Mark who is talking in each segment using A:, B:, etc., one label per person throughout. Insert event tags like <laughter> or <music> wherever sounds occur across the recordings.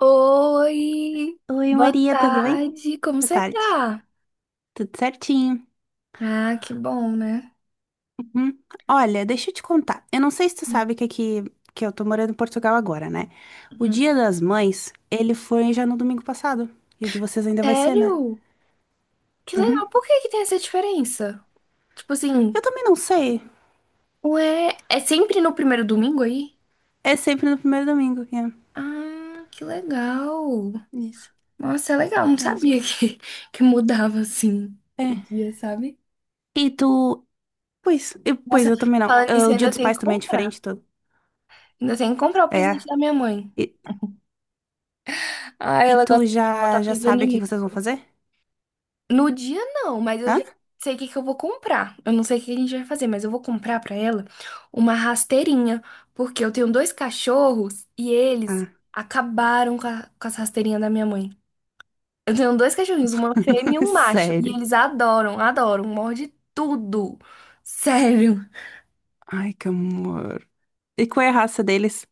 A: Oi,
B: Oi,
A: boa
B: Maria, tudo bem?
A: tarde, como
B: Boa
A: você
B: tarde.
A: tá?
B: Tudo certinho.
A: Ah, que bom, né?
B: Uhum. Olha, deixa eu te contar. Eu não sei se tu sabe que aqui, que eu tô morando em Portugal agora, né? O
A: Uhum.
B: Dia das Mães, ele foi já no domingo passado. E o de vocês ainda vai ser, né?
A: Sério? Que
B: Uhum.
A: legal, por que que tem essa diferença? Tipo assim,
B: Eu também não sei.
A: ué, é sempre no primeiro domingo aí?
B: É sempre no primeiro domingo, é.
A: Ah, que legal.
B: Isso,
A: Nossa, é legal, não
B: mesmo.
A: sabia <laughs> que mudava assim o
B: É.
A: dia, sabe?
B: E tu... Pois, eu, pois
A: Nossa,
B: eu também não.
A: falando
B: Ah,
A: nisso,
B: o
A: eu
B: Dia
A: ainda
B: dos
A: tem
B: Pais
A: que
B: também é
A: comprar.
B: diferente, tu...
A: Ainda tem que comprar o presente
B: É.
A: da minha mãe.
B: E,
A: Ah,
B: e
A: ela
B: tu
A: gosta, ela tá
B: já, já
A: precisando
B: sabe
A: de
B: o que
A: mim.
B: que vocês vão fazer?
A: No dia não, mas eu já
B: Hã?
A: sei o que que eu vou comprar. Eu não sei o que a gente vai fazer, mas eu vou comprar pra ela uma rasteirinha, porque eu tenho dois cachorros e eles
B: Ah.
A: acabaram com as rasteirinhas da minha mãe. Eu tenho dois cachorrinhos, uma fêmea e
B: <laughs>
A: um macho, e
B: Sério.
A: eles adoram, adoram, morde tudo. Sério.
B: Ai, que amor. E qual é a raça deles?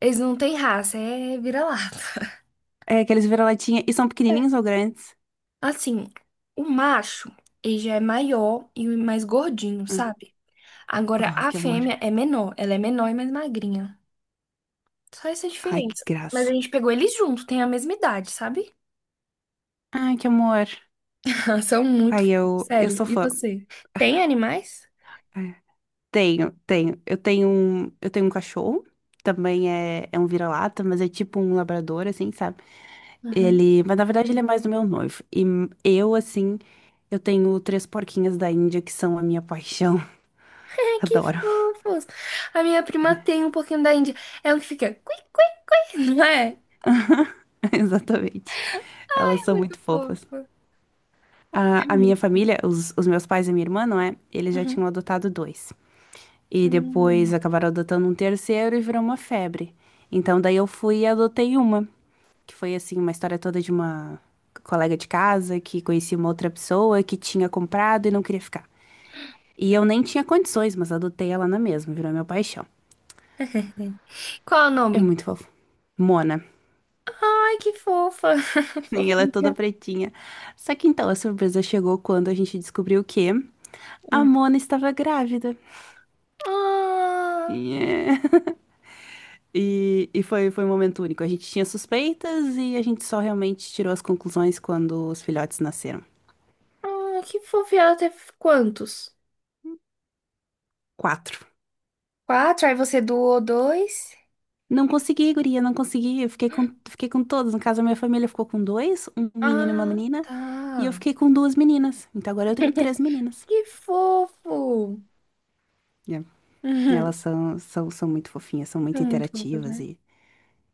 A: Eles não têm raça, é vira-lata.
B: É que eles viram latinha e são pequenininhos ou grandes?
A: Assim, o macho, ele já é maior e mais gordinho,
B: Ah.
A: sabe? Agora,
B: Ai,
A: a
B: que amor.
A: fêmea é menor, ela é menor e mais magrinha. Só essa
B: Ai, que
A: diferença. Mas a
B: graça.
A: gente pegou eles junto, tem a mesma idade, sabe?
B: Ai, que amor.
A: <laughs> São muito
B: Ai,
A: fofos,
B: eu
A: sério.
B: sou
A: E
B: fã.
A: você? Tem animais?
B: É. Tenho, tenho. Eu tenho um cachorro. Também é, é um vira-lata, mas é tipo um labrador, assim, sabe?
A: Uhum.
B: Ele, mas na verdade ele é mais do meu noivo. E eu, assim, eu tenho três porquinhas da Índia que são a minha paixão. <laughs>
A: Ai, que
B: Adoro.
A: fofos! A minha prima tem um pouquinho da Índia. É o que fica cui, cui, cui, <laughs> não é?
B: <laughs> Exatamente. Elas
A: É
B: são
A: muito
B: muito fofas.
A: fofo. É
B: A minha
A: muito.
B: família, os meus pais e minha irmã, não é? Eles já
A: Uhum.
B: tinham adotado dois. E depois
A: Hum.
B: acabaram adotando um terceiro e virou uma febre. Então daí eu fui e adotei uma, que foi assim, uma história toda de uma colega de casa que conhecia uma outra pessoa que tinha comprado e não queria ficar. E eu nem tinha condições, mas adotei ela na mesma, virou meu paixão.
A: <laughs> Qual é o
B: É
A: nome?
B: muito fofo. Mona. <laughs>
A: Ai, que fofa! <laughs>
B: E ela é toda
A: Fofinha.
B: pretinha. Só que então a surpresa chegou quando a gente descobriu que a
A: Hum.
B: Mona estava grávida.
A: Ah,
B: Yeah. E foi, foi um momento único. A gente tinha suspeitas e a gente só realmente tirou as conclusões quando os filhotes nasceram.
A: ah, que fofa. E ela teve quantos?
B: Quatro.
A: Quatro, aí você doou dois?
B: Não consegui, guria, não consegui. Fiquei com todos. No caso, a minha família ficou com dois, um menino e uma
A: Ah,
B: menina. E eu
A: tá.
B: fiquei com duas meninas. Então agora eu tenho
A: <laughs>
B: três meninas.
A: Que fofo!
B: Yeah.
A: Uhum.
B: Elas são, são, são muito fofinhas, são
A: Foi
B: muito
A: muito fofo,
B: interativas
A: né?
B: e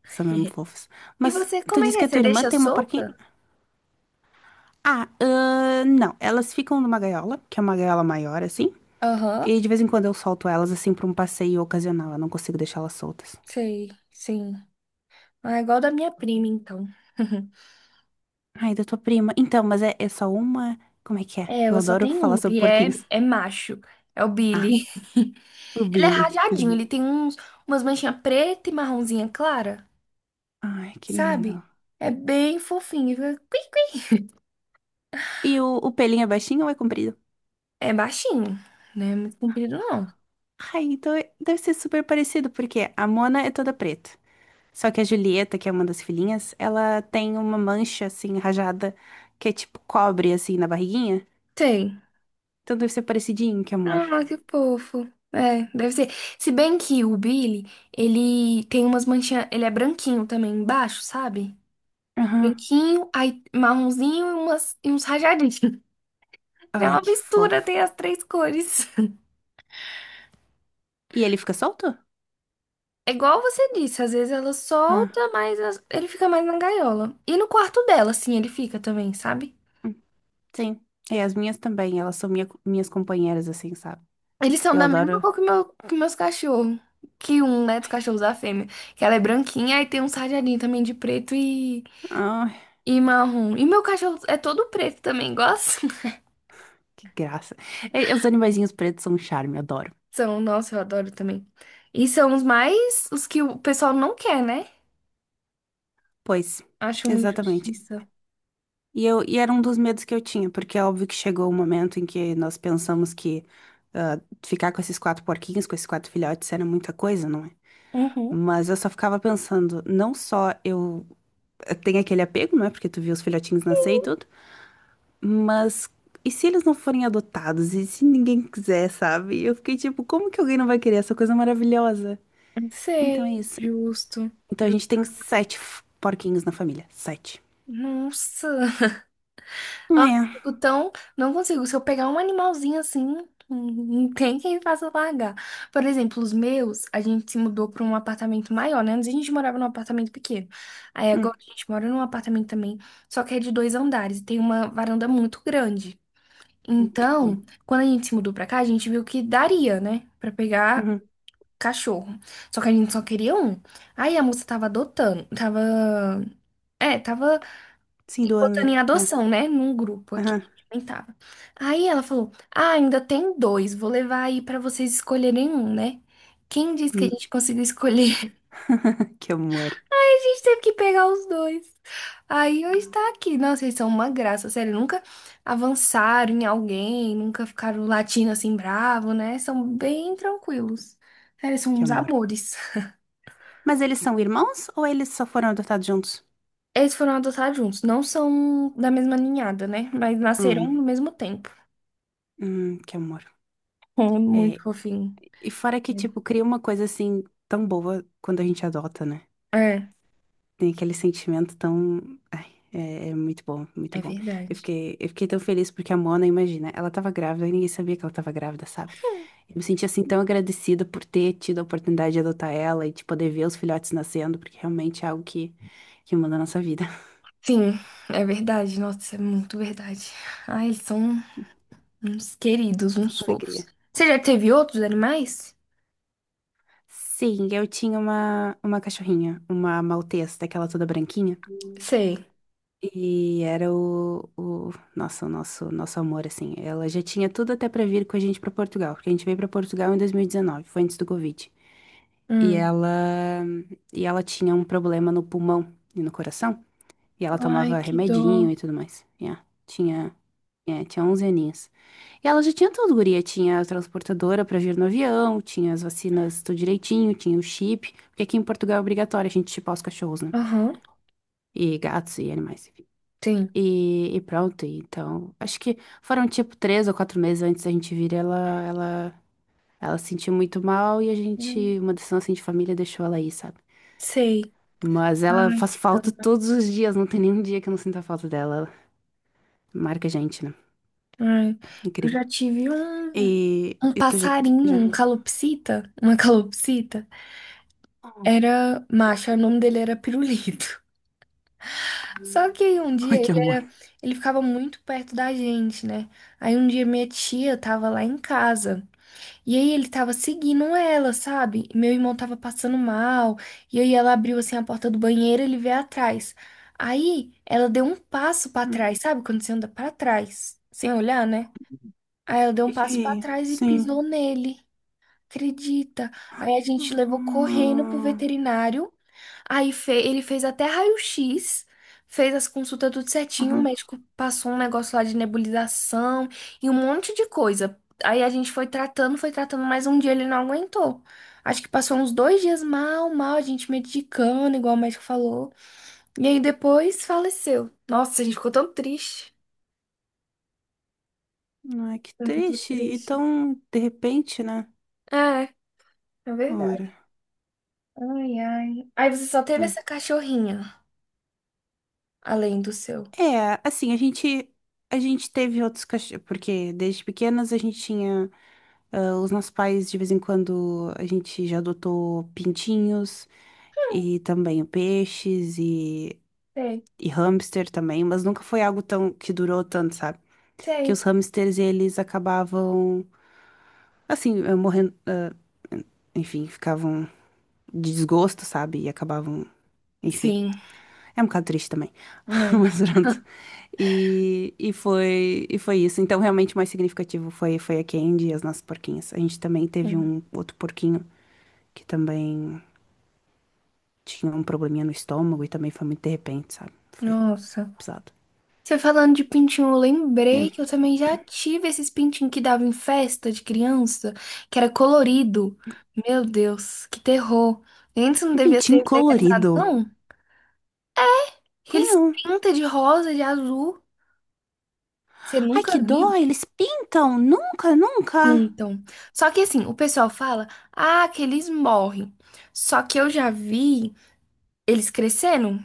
B: são mesmo fofas.
A: E
B: Mas
A: você,
B: tu
A: como é que
B: disse
A: é?
B: que a
A: Você
B: tua irmã
A: deixa
B: tem uma porquinha?
A: solta?
B: Ah, não. Elas ficam numa gaiola, que é uma gaiola maior, assim.
A: Aham,
B: E de vez em quando eu solto elas assim pra um passeio ocasional, eu não consigo deixá-las soltas.
A: sei, sim. Ah, igual da minha prima, então. <laughs>
B: Ai, da tua prima. Então, mas é, é só uma. Como é que é?
A: É,
B: Eu
A: ela só
B: adoro
A: tem
B: falar
A: um,
B: sobre
A: e
B: porquinhos.
A: é macho. É o
B: Ah,
A: Billy. <laughs>
B: o
A: Ele é
B: Billy.
A: rajadinho, ele
B: Lindo.
A: tem uns, umas manchinhas preta e marronzinha clara,
B: Ai, que
A: sabe?
B: lindo.
A: É bem fofinho,
B: E o pelinho é baixinho ou é comprido?
A: é baixinho, né? Muito comprido, não.
B: Ai, então deve ser super parecido, porque a Mona é toda preta. Só que a Julieta, que é uma das filhinhas, ela tem uma mancha assim, rajada, que é tipo cobre assim na barriguinha.
A: Tem.
B: Então deve ser parecidinho, que amor.
A: Ah, que fofo. É, deve ser. Se bem que o Billy, ele tem umas manchinhas. Ele é branquinho também embaixo, sabe?
B: Aham.
A: Branquinho, aí marronzinho e uns rajadinhos. <laughs> É
B: Ai,
A: uma
B: que
A: mistura,
B: fofo.
A: tem as três cores. <laughs>
B: E ele fica solto?
A: É igual você disse, às vezes ela
B: Ah.
A: solta, mas ele fica mais na gaiola. E no quarto dela, assim, ele fica também, sabe?
B: Sim, é, as minhas também, elas são minhas companheiras, assim, sabe?
A: Eles são
B: Eu
A: da mesma
B: adoro.
A: cor que meus cachorros. Que um, né, dos cachorros da fêmea. Que ela é branquinha, e tem um sarjadinho também de preto e
B: Ai,
A: E marrom. E meu cachorro é todo preto também, gosto. <laughs>
B: que graça. É, os animaizinhos pretos são um charme, eu adoro.
A: São, nossa, eu adoro também. E são os mais, os que o pessoal não quer, né?
B: Pois,
A: Acho uma
B: exatamente.
A: injustiça.
B: E era um dos medos que eu tinha, porque é óbvio que chegou o momento em que nós pensamos que ah, ficar com esses quatro porquinhos, com esses quatro filhotes, era muita coisa, não é?
A: Uhum.
B: Mas eu só ficava pensando, não só eu tenho aquele apego, não é? Porque tu viu os filhotinhos nascer e tudo. Mas e se eles não forem adotados? E se ninguém quiser, sabe? Eu fiquei tipo, como que alguém não vai querer essa coisa maravilhosa?
A: Sei,
B: Então é isso.
A: justo.
B: Então a
A: Ju-
B: gente tem sete porquinhos na família. Sete.
A: nossa. Nossa, eu
B: É.
A: fico tão. Não consigo. Se eu pegar um animalzinho assim, não tem quem faça largar. Por exemplo, os meus, a gente se mudou para um apartamento maior, né? Antes a gente morava num apartamento pequeno. Aí agora
B: Hum,
A: a gente mora num apartamento também, só que é de dois andares e tem uma varanda muito grande.
B: que bom.
A: Então, quando a gente se mudou pra cá, a gente viu que daria, né? Pra pegar
B: Uhum.
A: cachorro. Só que a gente só queria um. Aí a moça tava adotando, tava. Tava
B: Sim, do
A: botando
B: Anda.
A: em
B: Yeah.
A: adoção, né? Num grupo aqui.
B: Aham.
A: Nem tava. Aí ela falou: Ah, ainda tem dois, vou levar aí pra vocês escolherem um, né? Quem disse que a
B: Hum.
A: gente conseguiu escolher.
B: <laughs> Que amor.
A: A gente teve que pegar os dois. Aí hoje tá aqui. Nossa, eles são uma graça, sério. Nunca avançaram em alguém, nunca ficaram latindo assim bravo, né? São bem tranquilos. Sério, eles são
B: Que
A: uns
B: amor.
A: amores.
B: Mas eles são irmãos ou eles só foram adotados juntos?
A: Eles foram adotados juntos. Não são da mesma ninhada, né? Mas nasceram no
B: Hum,
A: mesmo tempo. <laughs>
B: que amor.
A: Oh, muito
B: É,
A: fofinho.
B: e fora que, tipo, cria uma coisa assim tão boa quando a gente adota, né?
A: É,
B: Tem aquele sentimento tão. Ai, é, é muito bom,
A: é
B: muito bom.
A: verdade.
B: Eu fiquei tão feliz porque a Mona, imagina, ela tava grávida e ninguém sabia que ela tava grávida, sabe? Eu me senti assim tão agradecida por ter tido a oportunidade de adotar ela e de poder ver os filhotes nascendo, porque realmente é algo que muda a nossa vida.
A: Sim, é verdade. Nossa, isso é muito verdade. Ai, eles são uns queridos,
B: <laughs>
A: uns fofos.
B: Alegria.
A: Você já teve outros animais?
B: Sim, eu tinha uma cachorrinha, uma maltesa, daquela toda branquinha.
A: Sei.
B: E era o nossa, nosso amor, assim. Ela já tinha tudo até pra vir com a gente pra Portugal, porque a gente veio pra Portugal em 2019, foi antes do Covid. E
A: Hum.
B: ela, e ela tinha um problema no pulmão e no coração, e ela
A: Ai,
B: tomava
A: que
B: remedinho
A: dor.
B: e tudo mais. Tinha, é, tinha 11 aninhos. E ela já tinha tudo, guria, tinha a transportadora pra vir no avião, tinha as vacinas tudo direitinho, tinha o chip, porque aqui em Portugal é obrigatório a gente chipar os cachorros, né?
A: Aham,
B: E gatos e animais.
A: tem.
B: E pronto, e então. Acho que foram tipo três ou quatro meses antes da gente vir, ela se sentiu muito mal e a gente,
A: Hum,
B: uma decisão assim de família, deixou ela aí, sabe?
A: sei.
B: Mas ela
A: Ai,
B: faz
A: que dor.
B: falta todos os dias, não tem nenhum dia que eu não sinta falta dela. Ela marca a gente, né?
A: Ai, eu
B: Incrível.
A: já tive um,
B: E,
A: um
B: e tu já,
A: passarinho,
B: já.
A: um calopsita, uma <laughs> calopsita.
B: Oh.
A: Era macho, o nome dele era Pirulito. <laughs> Só que aí um
B: <laughs>
A: dia
B: Ai,
A: ele
B: que amor.
A: era, ele ficava muito perto da gente, né? Aí um dia minha tia tava lá em casa. E aí ele tava seguindo ela, sabe? E meu irmão tava passando mal. E aí ela abriu assim a porta do banheiro, ele veio atrás. Aí ela deu um passo pra
B: Hum.
A: trás, sabe? Quando você anda pra trás, sem olhar, né? Aí ela deu um passo pra
B: E,
A: trás e
B: sim.
A: pisou nele. Acredita? Aí a gente levou correndo pro
B: Ah,
A: veterinário. Aí ele fez até raio-x, fez as consultas tudo certinho. O
B: aham.
A: médico passou um negócio lá de nebulização e um monte de coisa. Aí a gente foi tratando, mas um dia ele não aguentou. Acho que passou uns dois dias mal, mal, a gente medicando, igual o médico falou. E aí depois faleceu. Nossa, a gente ficou tão triste.
B: Não é que
A: Foi muito
B: triste. E
A: triste.
B: tão de repente, né?
A: É, é
B: Ora.
A: verdade. Ai, ai. Aí você só teve essa cachorrinha, além do seu.
B: É, assim, a gente teve outros cachorros, porque desde pequenas a gente tinha ah, os nossos pais de vez em quando a gente já adotou pintinhos e também peixes
A: Sei,
B: e hamster também, mas nunca foi algo tão que durou tanto, sabe? Porque
A: sei.
B: os hamsters eles acabavam assim, morrendo, ah, enfim, ficavam de desgosto, sabe? E acabavam, enfim.
A: Sim,
B: É um bocado triste também. <laughs>
A: é,
B: Mas pronto. E foi isso. Então, realmente, o mais significativo foi, foi a Candy e as nossas porquinhas. A gente também teve
A: sim.
B: um outro porquinho que também tinha um probleminha no estômago e também foi muito de repente, sabe? Foi
A: Nossa.
B: pesado.
A: Você falando de pintinho, eu lembrei que eu
B: É.
A: também já tive esses pintinhos que dava em festa de criança, que era colorido. Meu Deus, que terror. Antes não
B: Um
A: devia ser
B: pintinho
A: legalizado,
B: colorido.
A: não. Que
B: Foi
A: eles
B: não.
A: pintam de rosa, de azul. Você
B: Ai,
A: nunca
B: que dó,
A: viu?
B: eles pintam. Nunca, nunca.
A: Pintam. Só que assim, o pessoal fala, ah, que eles morrem. Só que eu já vi eles crescendo,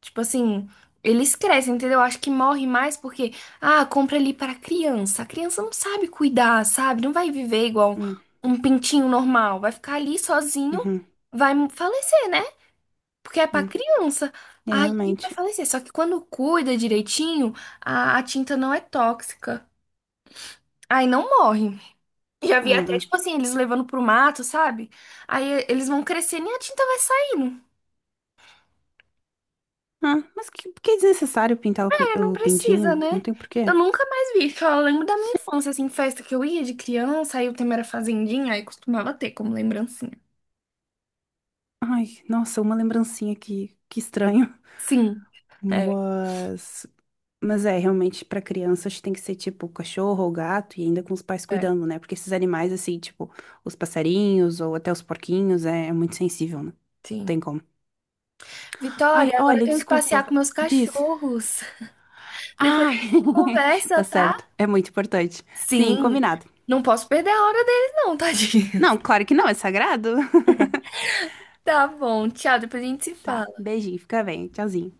A: tipo assim, eles crescem, entendeu? Acho que morre mais porque, ah, compra ali para criança. A criança não sabe cuidar, sabe? Não vai viver igual
B: Hum,
A: um pintinho normal, vai ficar ali sozinho,
B: uhum,
A: vai falecer, né? Porque é para
B: hum.
A: criança.
B: É,
A: Aí vai
B: realmente.
A: falecer. Só que quando cuida direitinho, a tinta não é tóxica. Aí não morre. Já vi até,
B: Ah,
A: tipo assim, eles levando pro mato, sabe? Aí eles vão crescendo e a tinta vai saindo.
B: ah, mas que é desnecessário pintar o,
A: Não
B: o
A: precisa,
B: pintinho? Não
A: né?
B: tem
A: Eu
B: porquê.
A: nunca mais vi. Só lembro da minha infância, assim, festa que eu ia de criança, aí o tema era fazendinha, aí costumava ter como lembrancinha.
B: Ai, nossa, uma lembrancinha aqui, que estranho.
A: Sim, é,
B: Mas, mas é, realmente, pra crianças tem que ser tipo cachorro ou gato e ainda com os pais
A: é,
B: cuidando, né? Porque esses animais, assim, tipo, os passarinhos ou até os porquinhos, é, é muito sensível, né? Não
A: sim.
B: tem como. Ai,
A: Vitória, agora eu
B: olha,
A: tenho que passear
B: desculpa.
A: com meus
B: Diz.
A: cachorros. <laughs> Depois a
B: Ai,
A: gente
B: <laughs>
A: conversa,
B: tá
A: tá?
B: certo. É muito importante. Sim,
A: Sim,
B: combinado.
A: não posso perder a hora deles, não, <laughs> tadinho.
B: Não, claro que não, é sagrado.
A: Tá bom, tchau, depois a gente se
B: Tá,
A: fala.
B: beijinho, fica bem. Tchauzinho.